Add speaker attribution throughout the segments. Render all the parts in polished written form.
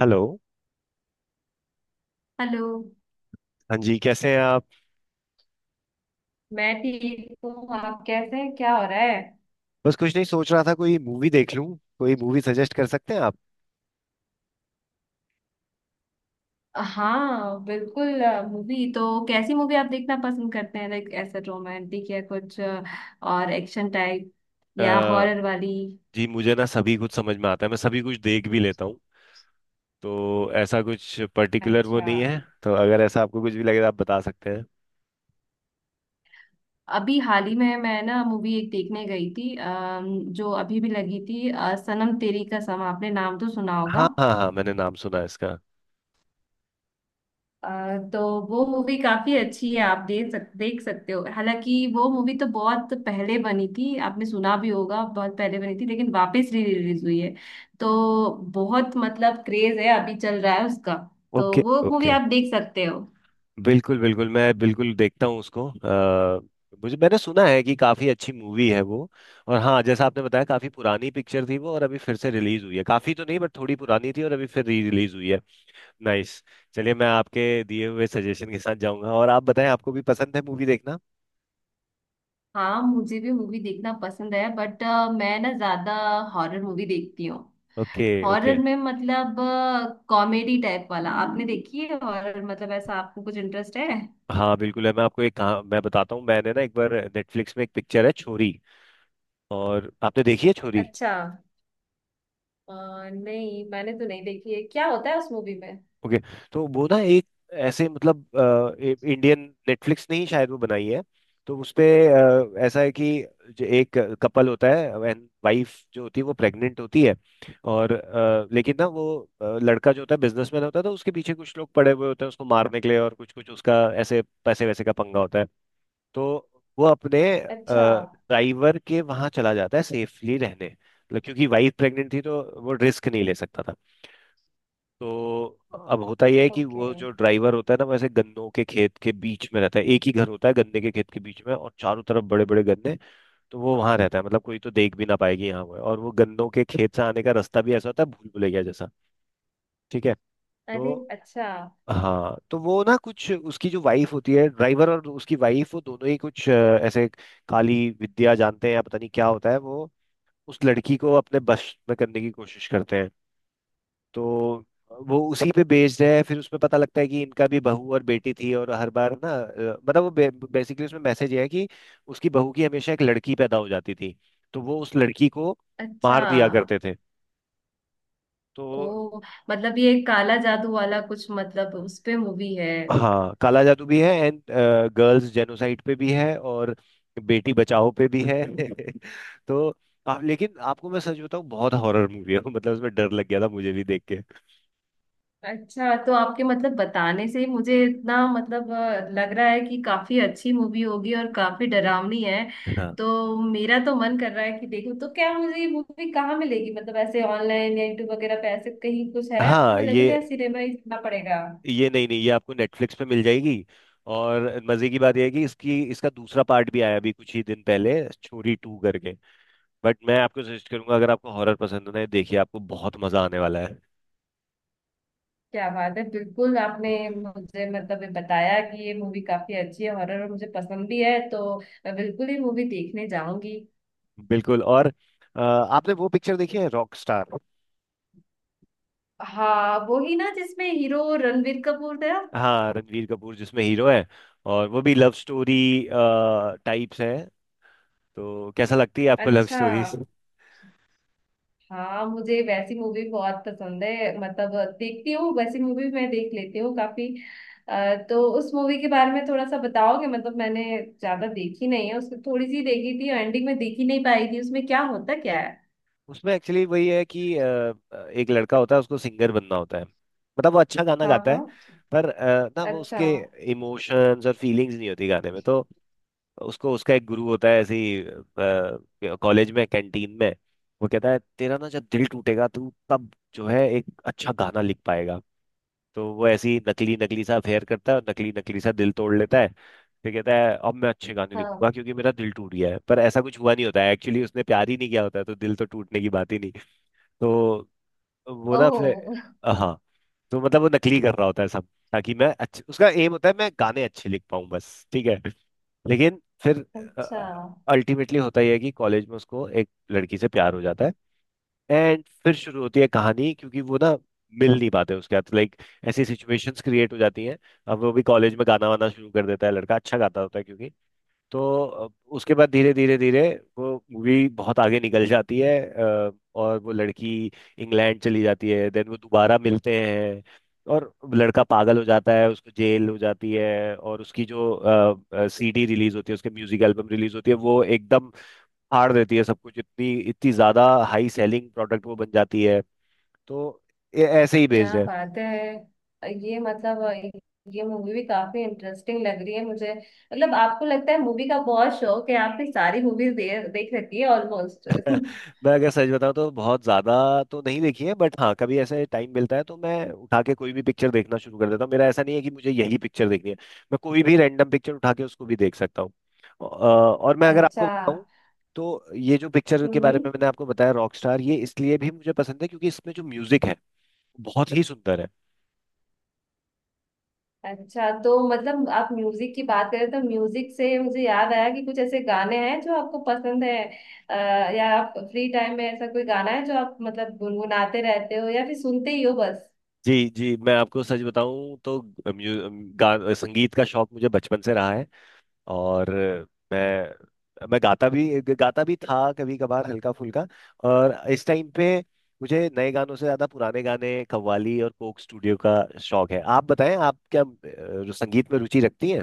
Speaker 1: Hello.
Speaker 2: Hello.
Speaker 1: हाँ जी, कैसे हैं आप?
Speaker 2: मैं ठीक हूँ। आप कैसे हैं? क्या हो रहा है?
Speaker 1: बस कुछ नहीं, सोच रहा था कोई मूवी देख लूं। कोई मूवी सजेस्ट कर सकते हैं आप?
Speaker 2: हाँ, बिल्कुल। मूवी तो कैसी मूवी आप देखना पसंद करते हैं? लाइक ऐसे रोमांटिक या कुछ और एक्शन टाइप या
Speaker 1: अ,
Speaker 2: हॉरर वाली?
Speaker 1: जी मुझे ना सभी कुछ समझ में आता है, मैं सभी कुछ देख भी लेता हूँ। तो ऐसा कुछ पर्टिकुलर वो
Speaker 2: अच्छा।
Speaker 1: नहीं है। तो अगर ऐसा आपको कुछ भी लगे तो आप बता सकते हैं।
Speaker 2: अभी हाल ही में मैं ना मूवी एक देखने गई थी, जो अभी भी लगी थी, सनम तेरी कसम। आपने नाम तो सुना होगा?
Speaker 1: हाँ हाँ हाँ, मैंने नाम सुना है इसका।
Speaker 2: अ, तो वो मूवी काफी अच्छी है। आप देख सकते हो। हालांकि वो मूवी तो बहुत पहले बनी थी, आपने सुना भी होगा, बहुत पहले बनी थी, लेकिन वापस री रिलीज हुई है। तो बहुत मतलब क्रेज है अभी चल रहा है उसका। तो
Speaker 1: ओके
Speaker 2: वो मूवी
Speaker 1: ओके।
Speaker 2: आप देख सकते हो।
Speaker 1: बिल्कुल बिल्कुल, मैं बिल्कुल देखता हूँ उसको। मुझे मैंने सुना है कि काफ़ी अच्छी मूवी है वो। और हाँ, जैसा आपने बताया, काफ़ी पुरानी पिक्चर थी वो और अभी फिर से रिलीज हुई है। काफ़ी तो नहीं बट थोड़ी पुरानी थी और अभी फिर री रिलीज हुई है। नाइस। चलिए, मैं आपके दिए हुए सजेशन के साथ जाऊंगा, और आप बताएं, आपको भी पसंद है मूवी देखना?
Speaker 2: हाँ, मुझे भी मूवी देखना पसंद है, बट मैं ना ज्यादा हॉरर मूवी देखती हूँ।
Speaker 1: Okay
Speaker 2: horror
Speaker 1: okay.
Speaker 2: में मतलब कॉमेडी टाइप वाला आपने देखी है? हॉरर मतलब ऐसा आपको कुछ इंटरेस्ट है?
Speaker 1: हाँ, बिल्कुल है। मैं आपको एक कहा, मैं बताता हूँ। मैंने ना एक बार नेटफ्लिक्स में एक पिक्चर है छोरी। और आपने देखी है छोरी?
Speaker 2: अच्छा। अ, नहीं, मैंने तो नहीं देखी है। क्या होता है उस मूवी में?
Speaker 1: ओके। तो वो ना एक ऐसे, मतलब इंडियन नेटफ्लिक्स ने ही शायद वो बनाई है। तो उसपे ऐसा है कि जो एक कपल होता है, एंड वाइफ जो होती है वो प्रेग्नेंट होती है। और लेकिन ना वो, लड़का जो होता है बिजनेसमैन होता है, तो उसके पीछे कुछ लोग पड़े हुए होते हैं उसको मारने के लिए, और कुछ कुछ उसका ऐसे पैसे वैसे का पंगा होता है। तो वो अपने
Speaker 2: अच्छा।
Speaker 1: ड्राइवर के वहां चला जाता है सेफली रहने, मतलब क्योंकि वाइफ प्रेग्नेंट थी तो वो रिस्क नहीं ले सकता था। तो अब होता यह है कि
Speaker 2: ओके।
Speaker 1: वो जो ड्राइवर होता है ना, वैसे गन्नों के खेत के बीच में रहता है, एक ही घर होता है गन्ने के खेत के बीच में, और चारों तरफ बड़े बड़े गन्ने। तो वो वहां रहता है, मतलब कोई तो देख भी ना पाएगी यहाँ वो है। और वो गन्नों के खेत से आने का रास्ता भी ऐसा होता है, भूल भुलैया जैसा। ठीक है।
Speaker 2: अरे,
Speaker 1: तो
Speaker 2: अच्छा।
Speaker 1: हाँ, तो वो ना, कुछ उसकी जो वाइफ होती है, ड्राइवर और उसकी वाइफ, वो दोनों ही कुछ ऐसे काली विद्या जानते हैं या पता नहीं क्या होता है वो, उस लड़की को अपने बस में करने की कोशिश करते हैं। तो वो उसी पे बेस्ड है। फिर उसमें पता लगता है कि इनका भी बहू और बेटी थी, और हर बार ना मतलब वो, बेसिकली उसमें मैसेज है कि उसकी बहू की हमेशा एक लड़की पैदा हो जाती थी, तो वो उस लड़की को
Speaker 2: अच्छा।
Speaker 1: मार दिया करते थे। तो
Speaker 2: ओ। मतलब ये काला जादू वाला कुछ मतलब उस पे मूवी है?
Speaker 1: हाँ, काला जादू भी है, एंड गर्ल्स जेनोसाइड पे भी है, और बेटी बचाओ पे भी है तो आप लेकिन आपको मैं सच बताऊं, बहुत हॉरर मूवी है मतलब उसमें डर लग गया था मुझे भी देख के।
Speaker 2: अच्छा, तो आपके मतलब बताने से ही मुझे इतना मतलब लग रहा है कि काफी अच्छी मूवी होगी और काफी डरावनी है।
Speaker 1: हाँ
Speaker 2: तो मेरा तो मन कर रहा है कि देखूं, तो क्या मुझे ये मूवी कहाँ मिलेगी? मतलब ऐसे ऑनलाइन या यूट्यूब वगैरह पे ऐसे कहीं कुछ है
Speaker 1: हाँ।
Speaker 2: अवेलेबल, या
Speaker 1: ये
Speaker 2: सिनेमा ही जाना पड़ेगा?
Speaker 1: ये नहीं नहीं, ये आपको नेटफ्लिक्स पे मिल जाएगी। और मजे की बात यह है कि इसकी इसका दूसरा पार्ट भी आया अभी कुछ ही दिन पहले, छोरी टू करके। बट मैं आपको सजेस्ट करूंगा, अगर आपको हॉरर पसंद है ना, देखिए आपको बहुत मजा आने वाला है।
Speaker 2: क्या बात है! बिल्कुल, आपने मुझे मतलब ये बताया कि ये मूवी काफी अच्छी है, हॉरर, और मुझे पसंद भी है, तो मैं बिल्कुल ही मूवी देखने जाऊंगी।
Speaker 1: बिल्कुल। और आपने वो पिक्चर देखी है रॉक स्टार?
Speaker 2: हाँ, वो ही ना जिसमें हीरो रणबीर कपूर था।
Speaker 1: हाँ, रणवीर कपूर जिसमें हीरो है, और वो भी लव स्टोरी टाइप्स है। तो कैसा लगती है आपको लव
Speaker 2: अच्छा।
Speaker 1: स्टोरी?
Speaker 2: हाँ, मुझे वैसी मूवी बहुत पसंद है, मतलब देखती हूँ वैसी मूवी, मैं देख लेती हूँ काफी। तो उस मूवी के बारे में थोड़ा सा बताओगे? मतलब मैंने ज्यादा देखी नहीं है उसको, थोड़ी सी देखी थी, एंडिंग में देख ही नहीं पाई थी। उसमें क्या होता क्या है?
Speaker 1: उसमें एक्चुअली वही है कि एक लड़का होता है, उसको सिंगर बनना होता है, मतलब वो अच्छा गाना
Speaker 2: हाँ,
Speaker 1: गाता है।
Speaker 2: हाँ।
Speaker 1: पर ना वो,
Speaker 2: अच्छा।
Speaker 1: उसके इमोशंस और फीलिंग्स नहीं होती गाने में, तो उसको उसका एक गुरु होता है ऐसे ही कॉलेज में कैंटीन में, वो कहता है तेरा ना जब दिल टूटेगा, तू तब जो है एक अच्छा गाना लिख पाएगा। तो वो ऐसे ही नकली नकली सा अफेयर करता है और नकली नकली सा दिल तोड़ लेता है। फिर कहता है अब मैं अच्छे गाने लिखूंगा
Speaker 2: हाँ।
Speaker 1: क्योंकि मेरा दिल टूट गया है, पर ऐसा कुछ हुआ नहीं होता है एक्चुअली, उसने प्यार ही नहीं किया होता है, तो दिल तो टूटने की बात ही नहीं। तो वो ना
Speaker 2: ओहो।
Speaker 1: फिर, हाँ, तो मतलब वो नकली कर रहा होता है सब, ताकि मैं अच्छे, उसका एम होता है मैं गाने अच्छे लिख पाऊँ, बस ठीक है। लेकिन फिर
Speaker 2: अच्छा।
Speaker 1: अल्टीमेटली होता यह है कि कॉलेज में उसको एक लड़की से प्यार हो जाता है। एंड फिर शुरू होती है कहानी, क्योंकि वो ना मिल नहीं पाते उसके साथ, लाइक ऐसी सिचुएशंस क्रिएट हो जाती हैं। अब वो भी कॉलेज में गाना वाना शुरू कर देता है, लड़का अच्छा गाता होता है क्योंकि। तो अ, उसके बाद धीरे धीरे धीरे वो मूवी बहुत आगे निकल जाती है। और वो लड़की इंग्लैंड चली जाती है, देन वो दोबारा मिलते हैं, और लड़का पागल हो जाता है, उसको जेल हो जाती है, और उसकी जो सीडी रिलीज होती है, उसके म्यूजिक एल्बम रिलीज होती है, वो एकदम फाड़ देती है सब कुछ, इतनी इतनी ज्यादा हाई सेलिंग प्रोडक्ट वो बन जाती है। तो ये ऐसे ही बेस्ड
Speaker 2: क्या
Speaker 1: है।
Speaker 2: बात है! ये मतलब ये मूवी भी काफी इंटरेस्टिंग लग रही है मुझे। मतलब आपको लगता है मूवी का बहुत शौक है, आपने सारी मूवीज दे, देख रखी है ऑलमोस्ट।
Speaker 1: मैं अगर सच बताऊं तो बहुत ज्यादा तो नहीं देखी है, बट हाँ कभी ऐसे टाइम मिलता है तो मैं उठा के कोई भी पिक्चर देखना शुरू कर देता हूँ। मेरा ऐसा नहीं है कि मुझे यही पिक्चर देखनी है, मैं कोई भी रैंडम पिक्चर उठा के उसको भी देख सकता हूँ। और मैं अगर आपको
Speaker 2: अच्छा।
Speaker 1: बताऊं, तो ये जो पिक्चर के बारे
Speaker 2: हम्म।
Speaker 1: में मैंने आपको बताया रॉकस्टार, ये इसलिए भी मुझे पसंद है क्योंकि इसमें जो म्यूजिक है बहुत ही सुंदर है।
Speaker 2: अच्छा, तो मतलब आप म्यूजिक की बात करें तो म्यूजिक से मुझे याद आया कि कुछ ऐसे गाने हैं जो आपको पसंद है, या आप फ्री टाइम में ऐसा कोई गाना है जो आप मतलब गुनगुनाते रहते हो या फिर सुनते ही हो बस?
Speaker 1: जी जी, मैं आपको सच बताऊं तो म्यू- संगीत का शौक मुझे बचपन से रहा है। और मैं गाता भी था कभी कभार हल्का फुल्का। और इस टाइम पे मुझे नए गानों से ज्यादा पुराने गाने, कव्वाली और कोक स्टूडियो का शौक है। आप बताएं, आप क्या संगीत में रुचि रखती हैं?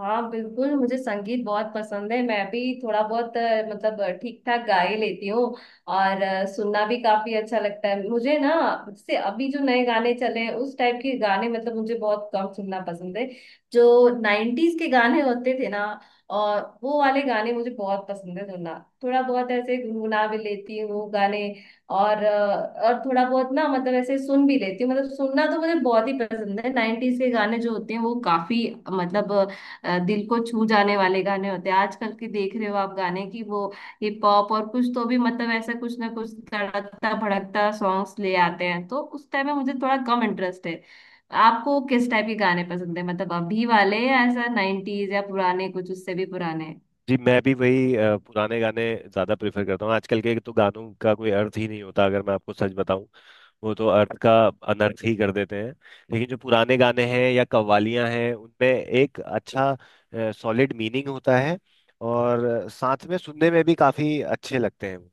Speaker 2: हाँ, बिल्कुल, मुझे संगीत बहुत पसंद है। मैं भी थोड़ा बहुत मतलब ठीक ठाक गा ही लेती हूँ। और सुनना भी काफी अच्छा लगता है मुझे ना। जैसे अभी जो नए गाने चले हैं उस टाइप के गाने मतलब मुझे बहुत कम सुनना पसंद है। जो नाइन्टीज के गाने होते थे ना, और वो वाले गाने मुझे बहुत पसंद है सुनना। थोड़ा बहुत ऐसे गुनगुना भी लेती हूँ गाने। और और थोड़ा बहुत ना मतलब ऐसे सुन भी लेती हूँ, मतलब सुनना तो मुझे बहुत ही पसंद है। नाइन्टीज के गाने जो होते हैं वो काफी मतलब दिल को छू जाने वाले गाने होते हैं। आजकल के देख रहे हो आप गाने की वो हिप हॉप और कुछ तो भी मतलब ऐसा कुछ ना कुछ तड़कता भड़कता सॉन्ग्स ले आते हैं, तो उस टाइम में मुझे थोड़ा कम इंटरेस्ट है। आपको किस टाइप के गाने पसंद है, मतलब अभी वाले या ऐसा नाइन्टीज या पुराने कुछ उससे भी पुराने?
Speaker 1: जी, मैं भी वही पुराने गाने ज़्यादा प्रेफर करता हूँ। आजकल के तो गानों का कोई अर्थ ही नहीं होता, अगर मैं आपको सच बताऊं। वो तो अर्थ का अनर्थ ही कर देते हैं। लेकिन जो पुराने गाने हैं या कव्वालियाँ हैं, उनमें एक अच्छा सॉलिड मीनिंग होता है, और साथ में सुनने में भी काफ़ी अच्छे लगते हैं वो।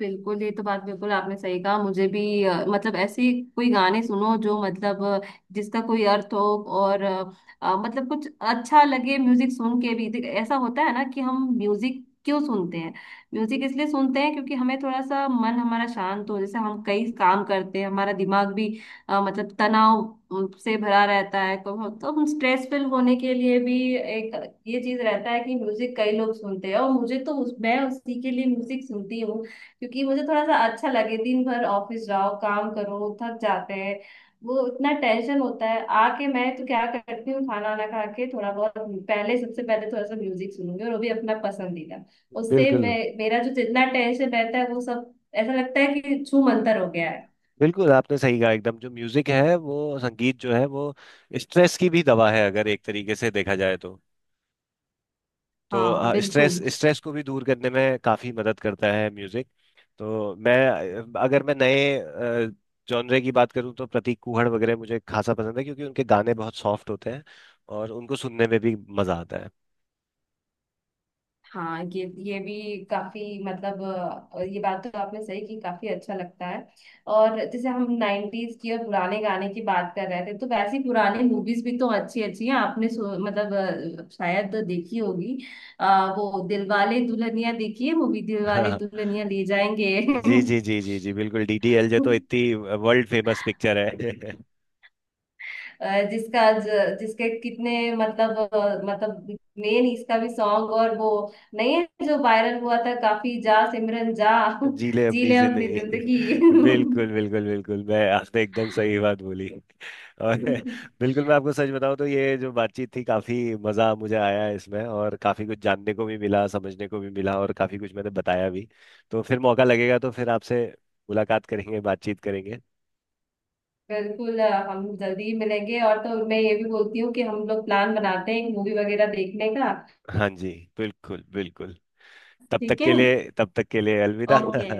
Speaker 2: बिल्कुल, ये तो बात बिल्कुल आपने सही कहा। मुझे भी मतलब ऐसे कोई गाने सुनो जो मतलब जिसका कोई अर्थ हो, और मतलब कुछ अच्छा लगे। म्यूजिक सुन के भी देख, ऐसा होता है ना कि हम म्यूजिक क्यों सुनते हैं? म्यूजिक इसलिए सुनते हैं क्योंकि हमें थोड़ा सा मन हमारा शांत हो। जैसे हम कई काम करते हैं, हमारा दिमाग भी मतलब तनाव से भरा रहता है, तो हम स्ट्रेसफुल होने के लिए भी एक ये चीज रहता है कि म्यूजिक कई लोग सुनते हैं। और मुझे तो उस, मैं उसी के लिए म्यूजिक सुनती हूँ, क्योंकि मुझे थोड़ा सा अच्छा लगे। दिन भर ऑफिस जाओ, काम करो, थक जाते हैं। वो इतना टेंशन होता है, आके मैं तो क्या करती हूँ, खाना वाना खा के, थोड़ा बहुत पहले, सबसे पहले थोड़ा सा म्यूजिक सुनूंगी, और वो भी अपना पसंदीदा। उससे
Speaker 1: बिल्कुल
Speaker 2: मैं मेरा जो जितना टेंशन रहता है वो सब ऐसा लगता है कि छू मंतर हो गया है।
Speaker 1: बिल्कुल, आपने सही कहा एकदम। जो म्यूजिक है वो, संगीत जो है वो स्ट्रेस की भी दवा है अगर एक तरीके से देखा जाए तो।
Speaker 2: हाँ,
Speaker 1: तो स्ट्रेस
Speaker 2: बिल्कुल।
Speaker 1: स्ट्रेस को भी दूर करने में काफ़ी मदद करता है म्यूजिक। तो मैं अगर मैं नए जॉनरे की बात करूँ तो प्रतीक कुहड़ वगैरह मुझे खासा पसंद है, क्योंकि उनके गाने बहुत सॉफ्ट होते हैं और उनको सुनने में भी मजा आता
Speaker 2: हाँ। ये भी काफी मतलब ये बात तो आपने सही की, काफी अच्छा लगता है। और जैसे हम नाइन्टीज की और पुराने गाने की बात कर रहे थे, तो वैसी पुराने मूवीज भी तो अच्छी अच्छी हैं। आपने सो, मतलब शायद देखी होगी। वो दिलवाले दुल्हनिया देखी है मूवी, दिलवाले
Speaker 1: है
Speaker 2: दुल्हनिया ले जाएंगे?
Speaker 1: जी जी जी जी जी, बिल्कुल, डी डी एल जे तो इतनी वर्ल्ड फेमस पिक्चर है
Speaker 2: अ, जिसका जिसके कितने मतलब मतलब मेन इसका भी सॉन्ग और वो नहीं है जो वायरल हुआ था काफी, जा सिमरन जा,
Speaker 1: जी ले
Speaker 2: जी
Speaker 1: अपनी
Speaker 2: ले अपनी
Speaker 1: जिंदगी
Speaker 2: जिंदगी।
Speaker 1: बिल्कुल बिल्कुल बिल्कुल, मैं आपने एकदम सही बात बोली। और बिल्कुल, मैं आपको सच बताऊं तो ये जो बातचीत थी, काफी मजा मुझे आया इसमें, और काफी कुछ जानने को भी मिला, समझने को भी मिला, और काफी कुछ मैंने बताया भी। तो फिर मौका लगेगा तो फिर आपसे मुलाकात करेंगे, बातचीत करेंगे।
Speaker 2: बिल्कुल हम जल्दी ही मिलेंगे, और तो मैं ये भी बोलती हूँ कि हम लोग प्लान बनाते हैं मूवी वगैरह देखने का।
Speaker 1: हाँ जी, बिल्कुल बिल्कुल। तब तक
Speaker 2: ठीक है।
Speaker 1: के लिए तब तक के लिए अलविदा
Speaker 2: ओके।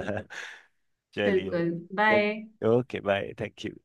Speaker 1: चलिए।
Speaker 2: बिल्कुल। Bye.
Speaker 1: Thank. Okay bye, thank you.